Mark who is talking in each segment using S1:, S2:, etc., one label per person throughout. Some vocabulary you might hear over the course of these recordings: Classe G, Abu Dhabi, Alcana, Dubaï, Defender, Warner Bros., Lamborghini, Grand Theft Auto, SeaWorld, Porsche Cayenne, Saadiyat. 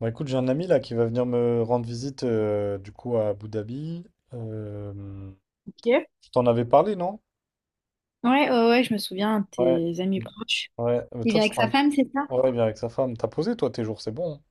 S1: Bah écoute, j'ai un ami là qui va venir me rendre visite du coup à Abu Dhabi. Euh,
S2: Ok.
S1: je t'en avais parlé, non?
S2: Ouais, ouais, ouais, je me souviens de
S1: Ouais.
S2: tes amis proches.
S1: Ouais. Mais
S2: Il
S1: toi,
S2: vient avec sa femme, c'est ça?
S1: ouais, bien avec sa femme. T'as posé toi tes jours, c'est bon, hein?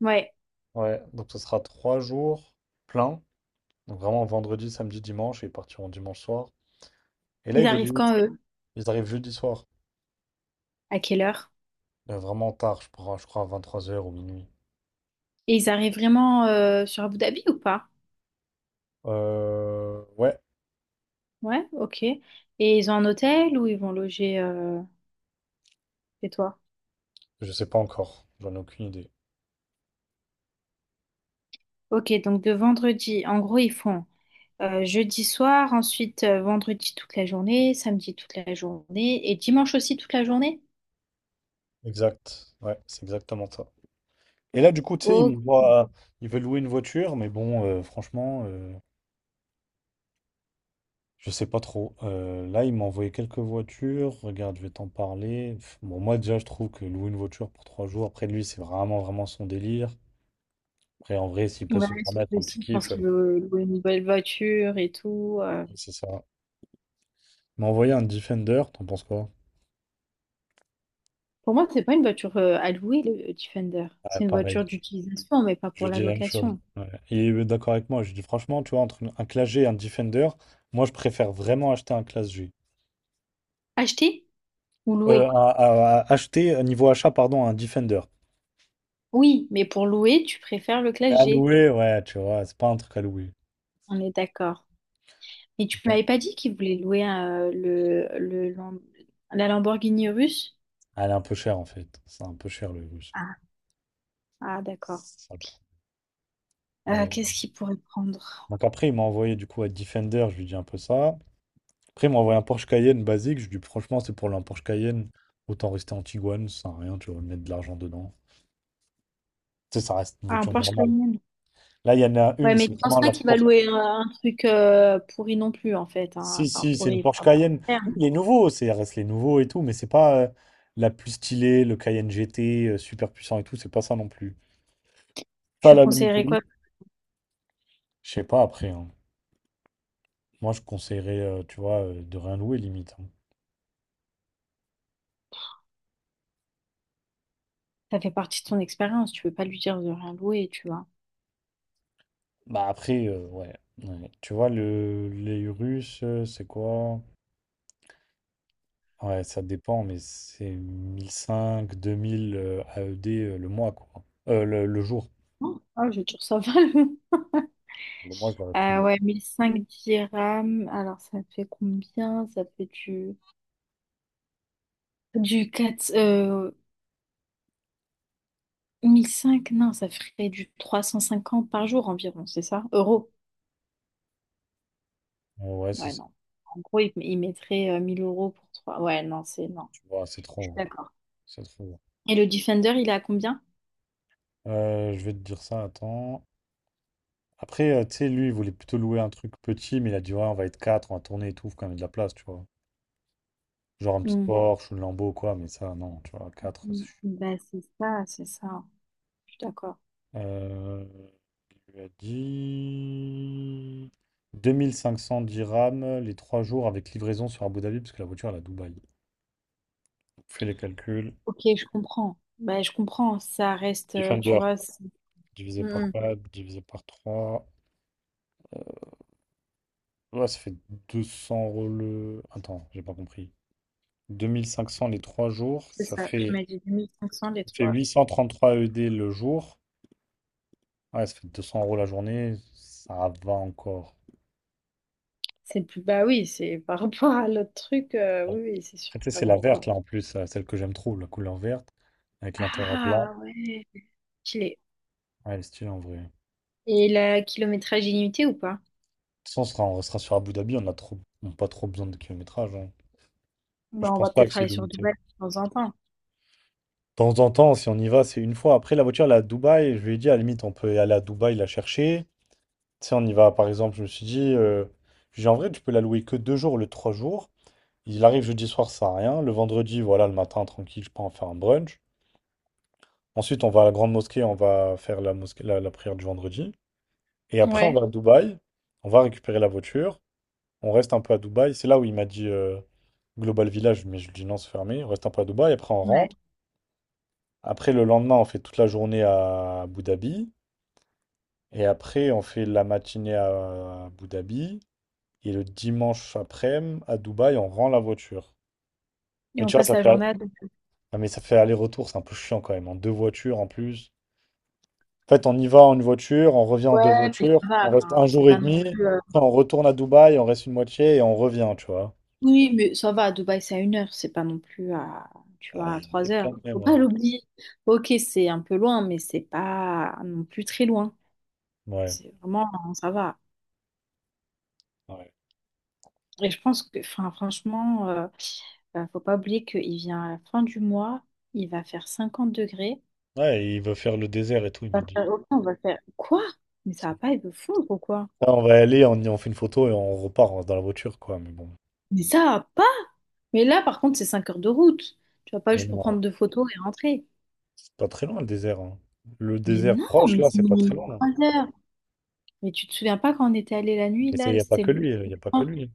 S2: Ouais.
S1: Ouais. Donc ce sera 3 jours pleins. Donc vraiment vendredi, samedi, dimanche. Et ils partiront dimanche soir. Et là,
S2: Ils arrivent quand, eux?
S1: ils arrivent jeudi soir.
S2: À quelle heure?
S1: Vraiment tard, je crois à 23 heures ou minuit.
S2: Et ils arrivent vraiment sur Abu Dhabi ou pas?
S1: Ouais,
S2: Ouais, ok. Et ils ont un hôtel ou ils vont loger chez toi?
S1: je sais pas encore. J'en ai aucune idée.
S2: Ok, donc de vendredi, en gros, ils font jeudi soir, ensuite vendredi toute la journée, samedi toute la journée et dimanche aussi toute la journée?
S1: Exact. Ouais, c'est exactement ça. Et là, du coup, tu sais, il
S2: Oh,
S1: me voit, il veut louer une voiture, mais bon, franchement, je sais pas trop. Là, il m'a envoyé quelques voitures. Regarde, je vais t'en parler. Bon, moi, déjà, je trouve que louer une voiture pour 3 jours, après lui, c'est vraiment, vraiment son délire. Après, en vrai, s'il peut
S2: ouais,
S1: se permettre
S2: surtout
S1: un petit
S2: aussi, je pense
S1: kiff,
S2: qu'ils veulent louer une nouvelle voiture et tout.
S1: c'est ça. Il m'a envoyé un Defender, t'en penses quoi?
S2: Pour moi, c'est pas une voiture à louer, le Defender.
S1: Ouais,
S2: C'est une
S1: pareil,
S2: voiture d'utilisation, mais pas
S1: je
S2: pour la
S1: dis la même chose.
S2: location.
S1: Ouais. Il est d'accord avec moi. Je dis, franchement, tu vois, entre un Classe G et un Defender, moi, je préfère vraiment acheter un Classe G.
S2: Acheter ou
S1: Euh,
S2: louer?
S1: à- à- à acheter, niveau achat, pardon, un Defender.
S2: Oui, mais pour louer, tu préfères le
S1: Mais
S2: Classe
S1: à
S2: G.
S1: louer, ouais, tu vois, c'est pas un truc à louer.
S2: On est d'accord. Et tu
S1: Bon.
S2: m'avais pas dit qu'il voulait louer la Lamborghini russe?
S1: Elle est un peu chère en fait. C'est un peu cher le russe.
S2: Ah, ah, d'accord.
S1: C'est ça le problème. Euh,
S2: Qu'est-ce qu'il pourrait prendre?
S1: donc après, il m'a envoyé du coup à Defender, je lui dis un peu ça. Après, il m'a envoyé un Porsche Cayenne basique. Je lui dis franchement, c'est pour un Porsche Cayenne, autant rester en Tiguan, ça sert à rien, tu vas mettre de l'argent dedans. Tu sais, ça reste une
S2: Ah, un
S1: voiture
S2: Porsche
S1: normale.
S2: Cayenne.
S1: Là, il y en a
S2: Ouais,
S1: une,
S2: mais je
S1: c'est
S2: pense
S1: vraiment
S2: pas
S1: la
S2: qu'il va
S1: Porsche.
S2: louer un truc pourri non plus, en fait, hein.
S1: Si,
S2: Enfin,
S1: si, c'est une
S2: pourri,
S1: Porsche
S2: pas bon
S1: Cayenne. Oui,
S2: terme.
S1: les nouveaux, c'est reste les nouveaux et tout, mais c'est pas la plus stylée, le Cayenne GT, super puissant et tout, c'est pas ça non plus. Ça, à
S2: Tu lui
S1: la limite,
S2: conseillerais quoi?
S1: oui. Je sais pas après, hein. Moi, je conseillerais, tu vois, de rien louer limite, hein.
S2: Ça fait partie de ton expérience. Tu peux pas lui dire de rien louer, tu vois.
S1: Bah après, ouais. Ouais. Tu vois, les Russes, c'est quoi? Ouais, ça dépend, mais c'est 1500, 2000 AED le mois, quoi. Le jour.
S2: Oh, ah, je tire ça va.
S1: Le mois, je l'aurais pris, moi.
S2: Ouais, 1005 dirhams. Alors, ça fait combien? Ça fait du... Du 4 1005, non, ça ferait du 350 par jour environ, c'est ça? Euros.
S1: Mm. Ouais, c'est
S2: Ouais,
S1: ça.
S2: non. En gros, il mettrait 1000 euros pour trois. Ouais, non, c'est... Non,
S1: Tu vois, c'est
S2: je suis
S1: trop, hein.
S2: d'accord.
S1: C'est trop, hein.
S2: Et le Defender, il est à combien?
S1: Je vais te dire ça, attends. Après, tu sais, lui, il voulait plutôt louer un truc petit, mais il a dit, ouais, on va être quatre, on va tourner et tout, faut quand même de la place, tu vois. Genre un petit
S2: Hmm.
S1: Porsche, une Lambo, quoi, mais ça, non, tu vois, quatre.
S2: Hmm. Ben, c'est ça, c'est ça, hein. Je suis d'accord.
S1: Euh, il lui a dit 2500 dirhams les 3 jours avec livraison sur Abu Dhabi, parce que la voiture elle est à Dubaï. Donc, fais les calculs.
S2: Ok, je comprends. Bah je comprends. Ça reste, tu
S1: Defender,
S2: vois... C'est
S1: divisé
S2: hmm,
S1: par
S2: hmm.
S1: 4, divisé par 3. Ouais, ça fait 200 € attends, j'ai pas compris. 2500 les 3 jours,
S2: C'est
S1: ça
S2: ça. Tu
S1: fait,
S2: m'as dit 1500 les
S1: ça fait
S2: trois.
S1: 833 ED le jour. Ouais, ça fait 200 € la journée, ça va encore.
S2: C'est plus, bah oui, c'est par rapport à l'autre truc, oui, oui, c'est sûr
S1: Après, tu sais,
S2: que ça
S1: c'est
S2: va
S1: la verte
S2: encore.
S1: là en plus, celle que j'aime trop, la couleur verte, avec l'intérieur blanc.
S2: Ah ouais, stylé.
S1: Ouais, elle est stylée en vrai. De
S2: Et la kilométrage illimité ou pas?
S1: toute façon, on restera sur Abu Dhabi, on a pas trop besoin de kilométrage, hein. Je
S2: Bah, on va
S1: pense pas que
S2: peut-être
S1: c'est
S2: aller sur
S1: limité. De
S2: Dubaï de temps en temps.
S1: temps en temps, si on y va, c'est une fois. Après, la voiture, elle est à Dubaï. Je lui ai dit, à la limite, on peut aller à Dubaï la chercher. Tu sais, on y va, par exemple, je me suis dit, j'ai en vrai, tu peux la louer que 2 jours, le 3 jours. Il arrive jeudi soir, ça sert à rien. Le vendredi, voilà, le matin, tranquille, je peux en faire un brunch. Ensuite, on va à la grande mosquée, on va faire la mosquée, la prière du vendredi. Et après, on
S2: Ouais.
S1: va à Dubaï, on va récupérer la voiture. On reste un peu à Dubaï. C'est là où il m'a dit Global Village, mais je lui dis non, c'est fermé. On reste un peu à Dubaï. Après, on
S2: Ouais.
S1: rentre. Après, le lendemain, on fait toute la journée à Abu Dhabi. Et après, on fait la matinée à Abu Dhabi. Et le dimanche après-midi, à Dubaï, on rend la voiture.
S2: Et
S1: Mais
S2: on
S1: tu vois,
S2: passe la journée à Dubaï.
S1: ah, mais ça fait aller-retour. C'est un peu chiant quand même. En deux voitures en plus. En fait, on y va en une voiture, on revient en deux
S2: Ouais, mais
S1: voitures.
S2: ça va,
S1: On reste
S2: enfin,
S1: un
S2: c'est
S1: jour et
S2: pas non
S1: demi.
S2: plus.
S1: Après, on retourne à Dubaï, on reste une moitié et on revient, tu vois.
S2: Oui, mais ça va, à Dubaï, c'est à une heure, c'est pas non plus à, tu vois,
S1: Ah,
S2: à trois
S1: et
S2: heures.
S1: quand même,
S2: Faut pas
S1: ouais.
S2: l'oublier. Ok, c'est un peu loin, mais c'est pas non plus très loin.
S1: Ouais.
S2: C'est vraiment, ça va.
S1: Ouais.
S2: Et je pense que, enfin, franchement, faut pas oublier qu'il vient à la fin du mois, il va faire 50 degrés.
S1: Ouais, il veut faire le désert et tout, il
S2: On
S1: m'a
S2: va
S1: dit.
S2: faire, ok, on va faire quoi? Mais ça va pas, il veut fondre ou quoi?
S1: Là, on va y aller, on fait une photo et on repart, hein, dans la voiture, quoi. Mais bon.
S2: Mais ça va pas! Mais là, par contre, c'est 5 heures de route. Tu vas pas
S1: Mais
S2: juste pour
S1: non,
S2: prendre deux photos et rentrer.
S1: c'est pas très loin le désert, hein. Le
S2: Mais
S1: désert
S2: non,
S1: proche,
S2: mais
S1: là,
S2: c'est
S1: c'est pas très
S2: minimum
S1: loin. Là.
S2: 3 heures. Mais tu te souviens pas quand on était allé la nuit,
S1: Et il
S2: là,
S1: n'y a pas
S2: c'était
S1: que lui, il
S2: c'est le
S1: n'y a pas que
S2: point
S1: lui.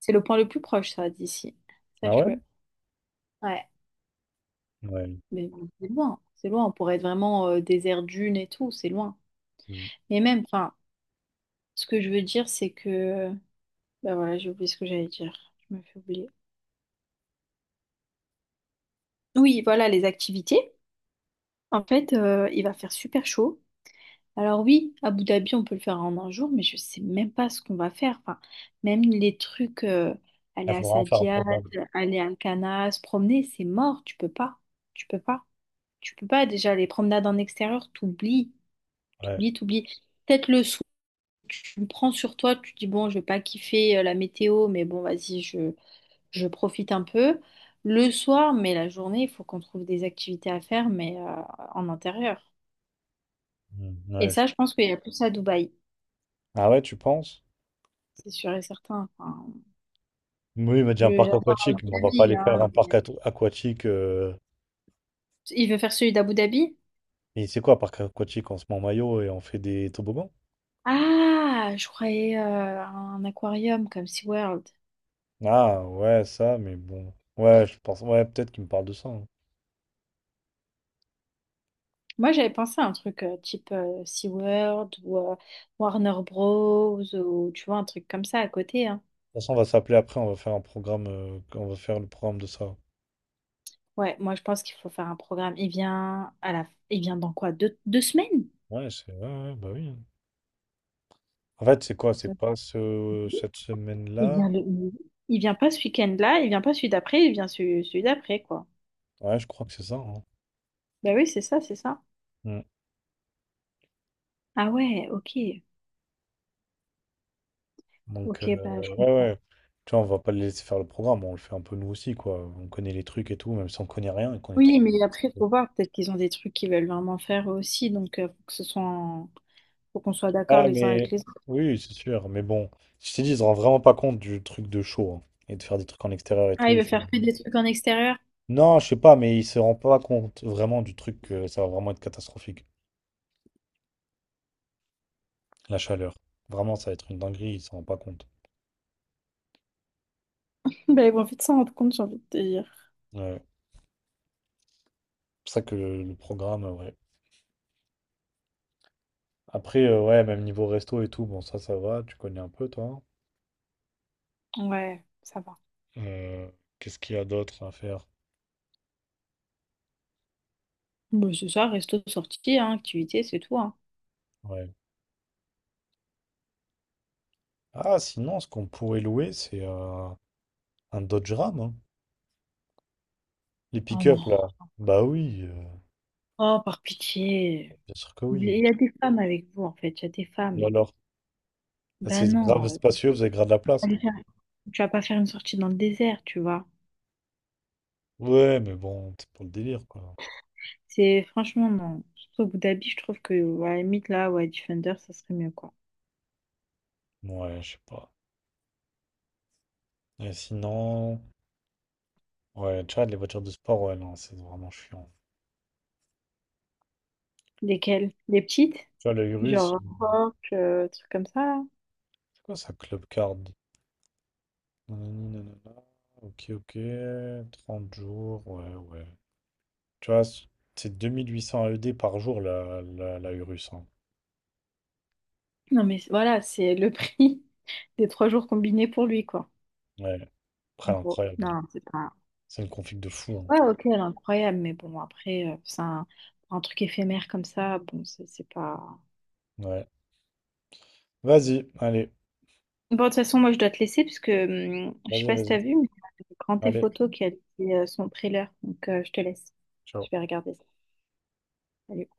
S2: c'est le point le plus proche, ça, d'ici.
S1: Ah
S2: Sache-le.
S1: ouais?
S2: Ouais,
S1: Ouais.
S2: mais c'est loin. C'est loin. On pourrait être vraiment désert dune et tout, c'est loin. Et même, enfin. Ce que je veux dire, c'est que... Ben voilà, j'ai oublié ce que j'allais dire. Je me fais oublier. Oui, voilà, les activités. En fait, il va faire super chaud. Alors oui, à Abu Dhabi, on peut le faire en un jour, mais je sais même pas ce qu'on va faire. Enfin, même les trucs,
S1: Ah,
S2: aller
S1: il
S2: à
S1: faudra en faire un
S2: Saadiyat,
S1: programme.
S2: aller à Alcana, se promener, c'est mort. Tu peux pas. Tu peux pas. Tu peux pas. Déjà, les promenades en extérieur, t'oublies.
S1: Ouais.
S2: T'oublies, t'oublies. Peut-être le soir, tu me prends sur toi, tu dis, bon, je vais pas kiffer la météo, mais bon, vas-y, je profite un peu. Le soir, mais la journée, il faut qu'on trouve des activités à faire, mais en intérieur.
S1: Mm,
S2: Et
S1: ouais,
S2: ça, je pense qu'il y a plus à Dubaï,
S1: ah ouais, tu penses?
S2: c'est sûr et certain. Enfin,
S1: Oui, il m'a dit un parc
S2: j'adore Abu
S1: aquatique, mais on va pas
S2: Dhabi,
S1: aller faire
S2: hein,
S1: un parc
S2: mais-
S1: aquatique,
S2: Il veut faire celui d'Abu Dhabi?
S1: et c'est quoi, un parc aquatique? On se met en maillot et on fait des toboggans?
S2: Ah, je croyais un aquarium comme SeaWorld.
S1: Ah ouais, ça, mais bon. Ouais, je pense. Ouais, peut-être qu'il me parle de ça, hein.
S2: Moi, j'avais pensé à un truc type SeaWorld ou Warner Bros. Ou tu vois, un truc comme ça à côté, hein.
S1: De toute façon, on va s'appeler après, on va faire un programme, on va faire le programme de ça.
S2: Ouais, moi, je pense qu'il faut faire un programme. Il vient à la... Il vient dans quoi? Deux, 2 semaines?
S1: Ouais, c'est ouais, ouais, bah oui, hein. En fait, c'est quoi? C'est pas cette
S2: Il
S1: semaine-là?
S2: vient le... il vient pas ce week-end-là, il vient pas celui d'après, il vient celui, celui d'après, quoi.
S1: Ouais, je crois que c'est ça, hein.
S2: Bah oui, c'est ça, c'est ça.
S1: Mm.
S2: Ah ouais, ok.
S1: Donc,
S2: Ok, bah je
S1: ouais,
S2: comprends.
S1: ouais. Tu vois, on va pas les laisser faire le programme, on le fait un peu nous aussi, quoi. On connaît les trucs et tout, même si on connaît rien et qu'on est trop.
S2: Oui, mais après, faut voir, peut-être qu'ils ont des trucs qu'ils veulent vraiment faire eux aussi, donc faut que ce soit en- faut qu'on soit d'accord
S1: Ah,
S2: les uns avec
S1: mais
S2: les autres.
S1: oui, c'est sûr. Mais bon, si je t'ai dit, ils se rendent vraiment pas compte du truc de show, hein, et de faire des trucs en extérieur et
S2: Ah,
S1: tout.
S2: ils
S1: Ils
S2: veulent faire que des trucs en extérieur?
S1: Non, je sais pas, mais ils se rendent pas compte vraiment du truc que ça va vraiment être catastrophique. La chaleur. Vraiment, ça va être une dinguerie, ils s'en rendent pas compte.
S2: Bah ils vont vite s'en rendre compte, j'ai envie de te dire.
S1: Ouais. C'est pour ça que le programme, ouais. Après, ouais, même niveau resto et tout, bon, ça va, tu connais un peu, toi, hein.
S2: Ouais, ça va.
S1: Euh, qu'est-ce qu'il y a d'autre à faire?
S2: Bon, c'est ça, resto, sortie, hein, activité, c'est tout, hein.
S1: Ouais. Ah, sinon, ce qu'on pourrait louer, c'est un Dodge Ram, hein. Les
S2: Oh
S1: pick-up,
S2: non.
S1: là. Bah oui,
S2: Oh, par pitié.
S1: bien sûr que
S2: Il
S1: oui.
S2: y a des femmes avec vous, en fait, il y a des
S1: Et
S2: femmes.
S1: alors?
S2: Ben
S1: C'est grave
S2: non.
S1: spacieux, vous avez grave de la place.
S2: Euh, tu vas pas faire une sortie dans le désert, tu vois.
S1: Ouais, mais bon, c'est pour le délire, quoi.
S2: C'est franchement, non. Surtout Abu Dhabi, je trouve que, à la limite, là, ouais, Defender, ça serait mieux, quoi.
S1: Ouais, je sais pas. Et sinon, ouais, Tchad, les voitures de sport, ouais, non, c'est vraiment chiant.
S2: Lesquelles? Les petites?
S1: Tu vois, l'œil russe,
S2: Genre, rock, trucs comme ça, là.
S1: c'est quoi ça, Club Card? Nanani, nanana. Ok, ok, 30 jours, ouais, ouais. Tu vois, c'est 2800 AED par jour, la Urus, hein.
S2: Non, mais voilà, c'est le prix des trois jours combinés pour lui, quoi.
S1: Ouais, après,
S2: En gros.
S1: incroyable, hein.
S2: Non, c'est pas.
S1: C'est une config de fou, hein.
S2: Ouais, ok, elle est incroyable, mais bon, après, c'est un, pour un truc éphémère comme ça, bon, c'est pas.
S1: Ouais. Vas-y, allez,
S2: Bon, de toute façon, moi, je dois te laisser parce que je sais
S1: vas-y,
S2: pas si
S1: vas-y.
S2: t'as vu, mais il y a Grand Theft
S1: Allez,
S2: Auto qui a dit son trailer. Donc, je te laisse. Je vais
S1: ciao.
S2: regarder ça. Salut.